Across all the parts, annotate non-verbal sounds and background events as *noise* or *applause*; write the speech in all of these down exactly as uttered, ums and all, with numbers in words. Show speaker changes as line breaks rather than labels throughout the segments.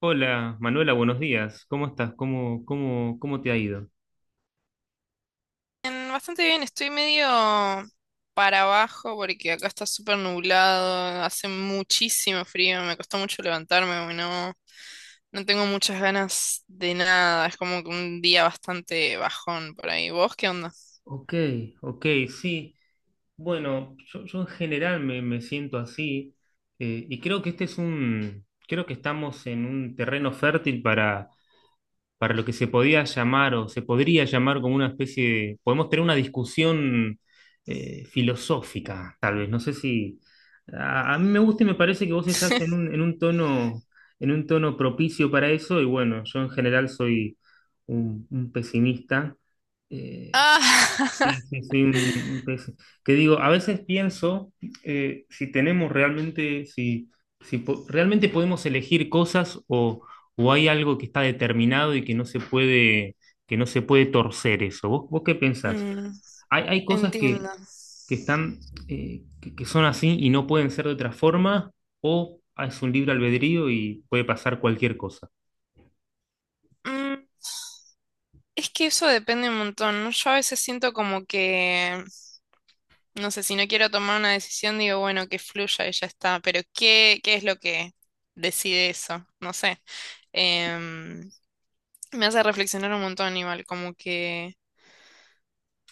Hola, Manuela, buenos días. ¿Cómo estás? ¿Cómo, cómo, cómo te ha ido?
Bien, bastante bien, estoy medio para abajo porque acá está súper nublado, hace muchísimo frío, me costó mucho levantarme, hoy, no, no tengo muchas ganas de nada, es como que un día bastante bajón por ahí. ¿Vos qué onda?
Ok, ok, sí. Bueno, yo, yo en general me, me siento así, eh, y creo que este es un, creo que estamos en un terreno fértil para para lo que se podía llamar o se podría llamar como una especie de, podemos tener una discusión, eh, filosófica, tal vez. No sé si a, a mí me gusta y me parece que vos estás en
*laughs*
un, en un tono, en un tono propicio para eso, y bueno, yo en general soy un, un pesimista. eh,
Ah,
Sí,
*laughs*
sí, sí, mm, pues, que digo, a veces pienso, eh, si tenemos realmente, si, si po- realmente podemos elegir cosas, o, o hay algo que está determinado y que no se puede, que no se puede torcer eso. ¿Vos, vos qué pensás?
mm,
Hay, hay cosas que,
entiendo.
que están, eh, que, que son así y no pueden ser de otra forma, o es un libre albedrío y puede pasar cualquier cosa.
Mm, es que eso depende un montón, ¿no? Yo a veces siento como que no sé, si no quiero tomar una decisión, digo, bueno, que fluya y ya está. Pero ¿qué, qué es lo que decide eso? No sé. Em, Me hace reflexionar un montón igual, como que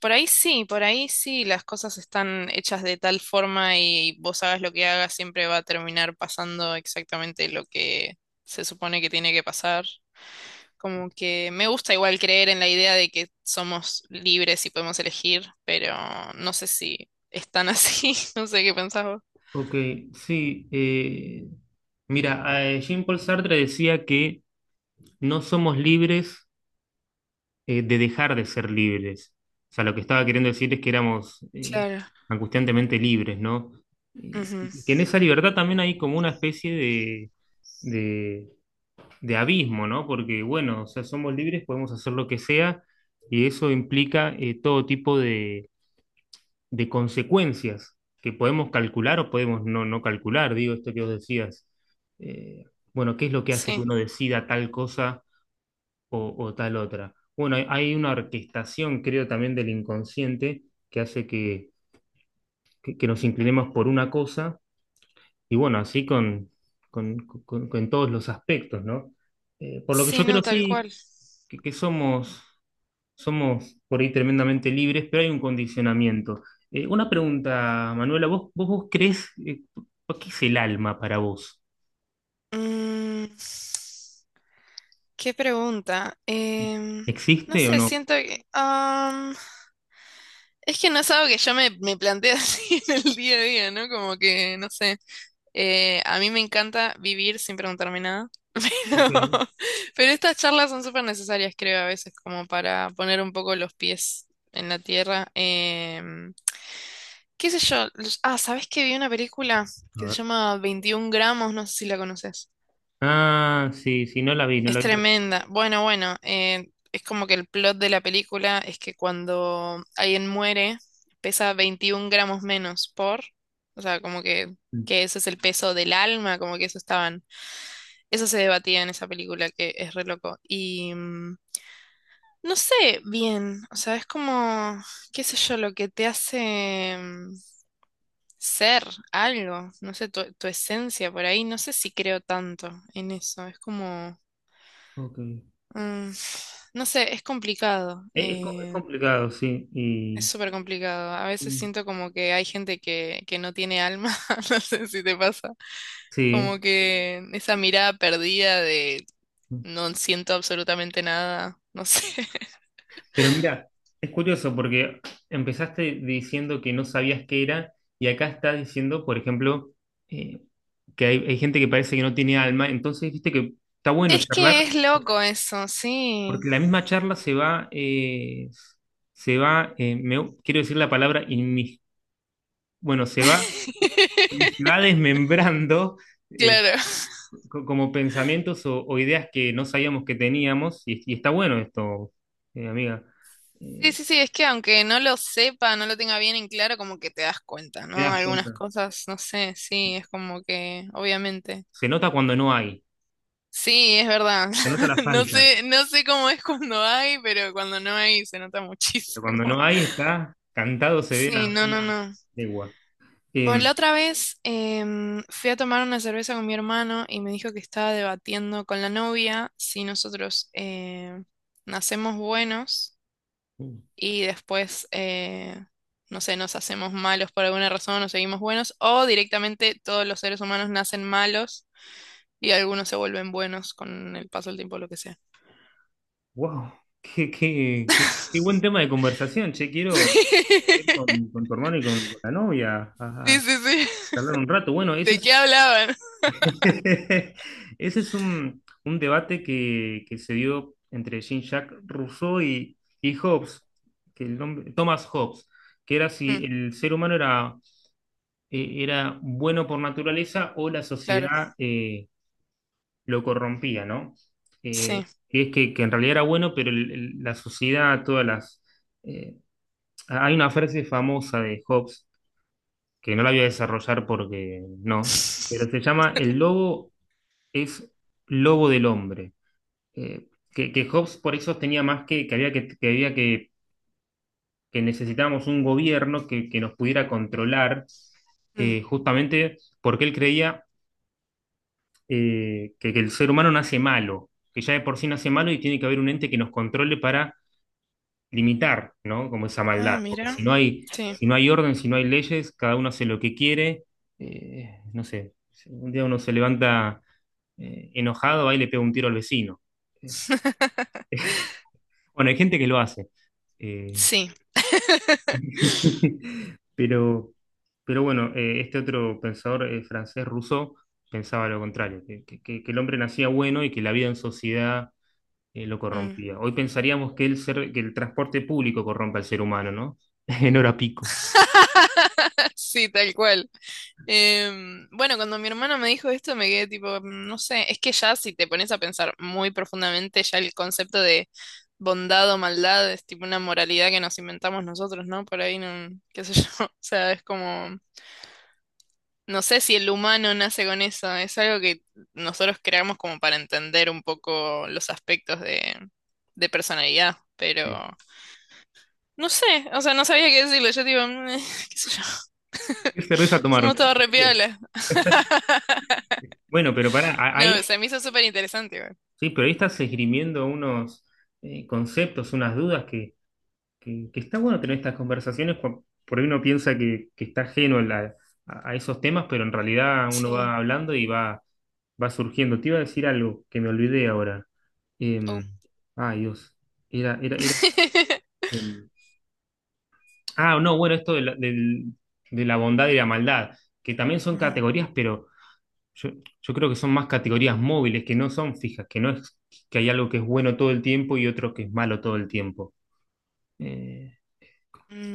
por ahí sí, por ahí sí, las cosas están hechas de tal forma y vos hagas lo que hagas, siempre va a terminar pasando exactamente lo que se supone que tiene que pasar. Como que me gusta igual creer en la idea de que somos libres y podemos elegir, pero no sé si es tan así, *laughs* no sé qué pensás vos.
Ok, sí. Eh, mira, eh, Jean-Paul Sartre decía que no somos libres, eh, de dejar de ser libres. O sea, lo que estaba queriendo decir es que éramos, eh,
Claro.
angustiantemente libres, ¿no? Y
Ujú.
y que en esa libertad también hay como una especie de, de, de abismo, ¿no? Porque, bueno, o sea, somos libres, podemos hacer lo que sea, y eso implica, eh, todo tipo de, de consecuencias que podemos calcular o podemos no, no calcular, digo, esto que vos decías. Eh, bueno, ¿qué es lo que hace que
Sí.
uno decida tal cosa, o, o tal otra? Bueno, hay, hay una orquestación, creo, también del inconsciente que hace que, que- que nos inclinemos por una cosa, y bueno, así con, con, con- con todos los aspectos, ¿no? Eh, por lo que
Sí,
yo
no,
creo,
tal
sí,
cual.
que, que somos, somos por ahí tremendamente libres, pero hay un condicionamiento. Eh, una pregunta, Manuela, ¿vos, vos, vos crees, eh, qué es el alma para vos?
Mm, Qué pregunta. Em,
¿Existe
no
o
sé,
no?
siento que... am, es que no es algo que yo me, me planteo *laughs* así en el día a día, ¿no? Como que, no sé. Eh, a mí me encanta vivir sin preguntarme nada. *laughs*
Ok.
Pero, pero estas charlas son súper necesarias, creo, a veces, como para poner un poco los pies en la tierra. em, ¿Qué sé yo? los- Ah, ¿sabés que vi una película
A
que se
ver.
llama Veintiún gramos? No sé si la conoces.
Ah, sí, sí, no la vi, no
Es
la vi. pero-
tremenda. Bueno, bueno, eh, es como que el plot de la película es que cuando alguien muere, pesa veintiún gramos menos por, o sea, como que, que ese es el peso del alma, como que eso estaban, eso se debatía en esa película, que es re loco. Y mm, no sé bien, o sea, es como, qué sé yo, lo que te hace... mm, ser algo, no sé, tu, tu esencia por ahí, no sé si creo tanto en eso, es como,
Ok.
mm, no sé, es complicado,
Es, es co- es
eh,
complicado, sí.
es
Y,
súper complicado, a veces siento como que hay gente que, que no tiene alma, *laughs* no sé si te pasa, como
sí.
que esa mirada perdida de no siento absolutamente nada, no sé, *laughs*
Pero mira, es curioso porque empezaste diciendo que no sabías qué era y acá estás diciendo, por ejemplo, eh, que hay, hay gente que parece que no tiene alma. Entonces viste que está bueno
es
charlar
que es loco eso, sí,
porque la misma charla se va, eh, se va, eh, me- quiero decir la palabra inmis- bueno, se va, eh,
*laughs*
se va desmembrando. eh,
claro.
co- como pensamientos o, o ideas que no sabíamos que teníamos, y, y está bueno esto, eh, amiga.
Sí,
Eh,
sí, sí, es que aunque no lo sepa, no lo tenga bien en claro, como que te das cuenta, ¿no?
te das
Algunas
cuenta.
cosas, no sé, sí, es como que, obviamente.
Se nota cuando no hay,
Sí, es verdad.
se nota la
*laughs* No
falta,
sé, no sé cómo es cuando hay, pero cuando no hay se nota
pero
muchísimo.
cuando no
*laughs*
hay está cantado, se ve
Sí,
a
no, no,
una
no.
legua.
Bueno,
Eh,
la otra vez em, fui a tomar una cerveza con mi hermano y me dijo que estaba debatiendo con la novia si nosotros eh, nacemos buenos y después, eh, no sé, nos hacemos malos por alguna razón, nos seguimos buenos, o directamente todos los seres humanos nacen malos y algunos se vuelven buenos con el paso del tiempo, lo que sea.
wow, qué, qué, qué- qué buen tema de conversación, che, quiero ir
*laughs*
con, con tu hermano y con, con la novia a,
Sí,
a
sí, sí.
charlar un rato. Bueno, ese
¿De
es
qué hablaban?
*laughs* Ese es un, un debate que, que se dio entre Jean-Jacques Rousseau y, y Hobbes, que el nombre, Thomas Hobbes, que era si
Mm,
el ser humano era, eh, era bueno por naturaleza o la
claro,
sociedad, eh, lo corrompía, ¿no? Eh,
sí.
y es que, que en realidad era bueno, pero el- el- la sociedad, todas las... eh, hay una frase famosa de Hobbes, que no la voy a desarrollar porque no, pero se llama El lobo es lobo del hombre. eh, que, que Hobbes por eso tenía más que, que había que, que había que, que necesitábamos un gobierno que, que nos pudiera controlar,
Mm.
eh, justamente porque él creía, eh, que, que el ser humano nace malo, que ya de por sí nace malo y tiene que haber un ente que nos controle para limitar, ¿no? Como esa
Ah,
maldad, porque
mira.
si no hay,
Sí.
si no hay orden, si no hay leyes, cada uno hace lo que quiere, eh, no sé, si un día uno se levanta, eh, enojado, ahí le pega un tiro al vecino.
*laughs*
Bueno, hay gente que lo hace. Eh,
Sí.
*laughs* Pero, pero bueno, eh, este otro pensador, eh, francés, Rousseau, pensaba lo contrario, que, que- que- que el hombre nacía bueno y que la vida en sociedad, eh, lo
Mm.
corrompía. Hoy pensaríamos que el, ser- que el transporte público corrompe al ser humano, ¿no? *laughs* En hora pico.
*laughs* Sí, tal cual. Em, bueno, cuando mi hermana me dijo esto, me quedé tipo, "Mm, no sé, es que ya si te pones a pensar muy profundamente, ya el concepto de bondad o maldad es tipo una moralidad que nos inventamos nosotros, ¿no? Por ahí, no, *laughs* qué sé yo, *laughs* o sea, es como, no sé si el humano nace con eso, es algo que nosotros creamos como para entender un poco los aspectos de, de personalidad, pero... No sé, o sea, no sabía qué decirlo, yo tipo, "Mm, *laughs* qué sé yo,
¿Qué cerveza
somos
tomaron?
todos re piola. *laughs*
Bueno, pero pará, a- ahí,
No, se me hizo súper interesante, güey.
sí, pero ahí estás esgrimiendo unos, eh, conceptos, unas dudas que, que está bueno tener estas conversaciones, cua- por ahí uno piensa que, que está ajeno a, la- a- a esos temas, pero en realidad uno
Sí.
va hablando y va, va surgiendo. Te iba a decir algo que me olvidé ahora. Eh,
Oh.
Ay, Dios. Era, era, era.
*laughs*
em, ah, no, bueno, esto de la, del- de la bondad y la maldad, que también son
Ujú.
categorías, pero yo, yo creo que son más categorías móviles, que no son fijas, que no es que hay algo que es bueno todo el tiempo y otro que es malo todo el tiempo. Eh,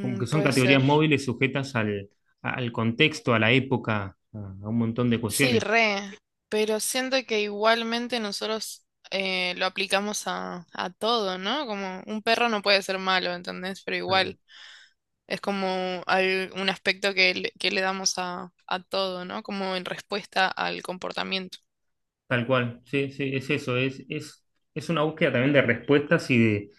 como que son
Puede
categorías
ser.
móviles sujetas al, al contexto, a la época, a, a un montón de
Sí,
cuestiones.
re. Pero siento que igualmente nosotros eh, lo aplicamos a, a todo, ¿no? Como un perro no puede ser malo, ¿entendés? Pero
Tal
igual es como al- un aspecto que le, que le damos a, a todo, ¿no? Como en respuesta al comportamiento.
cual, sí, sí, es eso, es, es, es una búsqueda también de respuestas y de,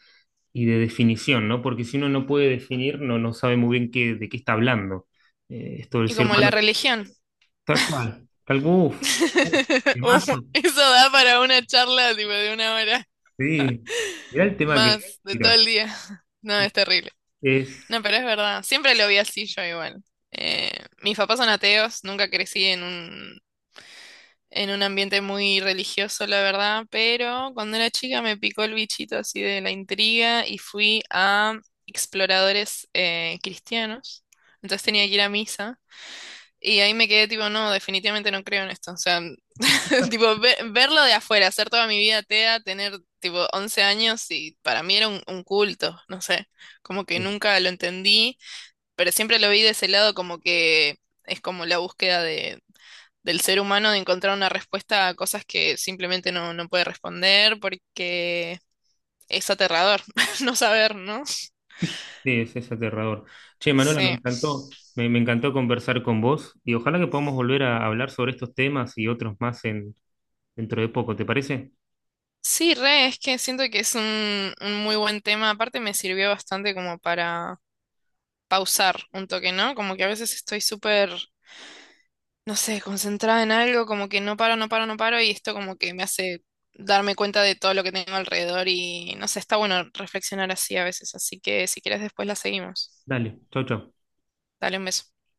y de definición, ¿no? Porque si uno no puede definir, no, no sabe muy bien qué, de qué está hablando. Eh, esto del
Y
ser
como la
humano,
religión.
tal cual, tal uf, uf,
*laughs* Uh,
temazo,
eso da para una charla tipo de una hora.
sí, mirá el tema que,
Más de todo
mira,
el día. *laughs* No, es terrible.
es,
No, pero es verdad. Siempre lo vi así yo igual. Eh, Mis papás son ateos, nunca crecí en un, en un ambiente muy religioso, la verdad, pero cuando era chica me picó el bichito así de la intriga y fui a exploradores eh, cristianos. Entonces tenía que ir a misa. Y ahí me quedé tipo, no, definitivamente no creo en esto. O sea, *laughs* tipo, ve- verlo de afuera, hacer toda mi vida tea, tener tipo once años y para mí era un, un culto, no sé, como que
es
nunca lo entendí, pero siempre lo vi de ese lado como que es como la búsqueda de, del ser humano de encontrar una respuesta a cosas que simplemente no, no puede responder porque es aterrador *laughs* no saber, ¿no?
Sí, es, es aterrador. Che, Manuela, me
Sí.
encantó, me, me encantó conversar con vos y ojalá que podamos volver a hablar sobre estos temas y otros más, en, dentro de poco, ¿te parece?
Sí, re, es que siento que es un, un muy buen tema. Aparte me sirvió bastante como para pausar un toque, ¿no? Como que a veces estoy súper, no sé, concentrada en algo, como que no paro, no paro, no paro, y esto como que me hace darme cuenta de todo lo que tengo alrededor y no sé, está bueno reflexionar así a veces, así que si quieres después la seguimos.
Dale, chau, chau.
Dale un beso.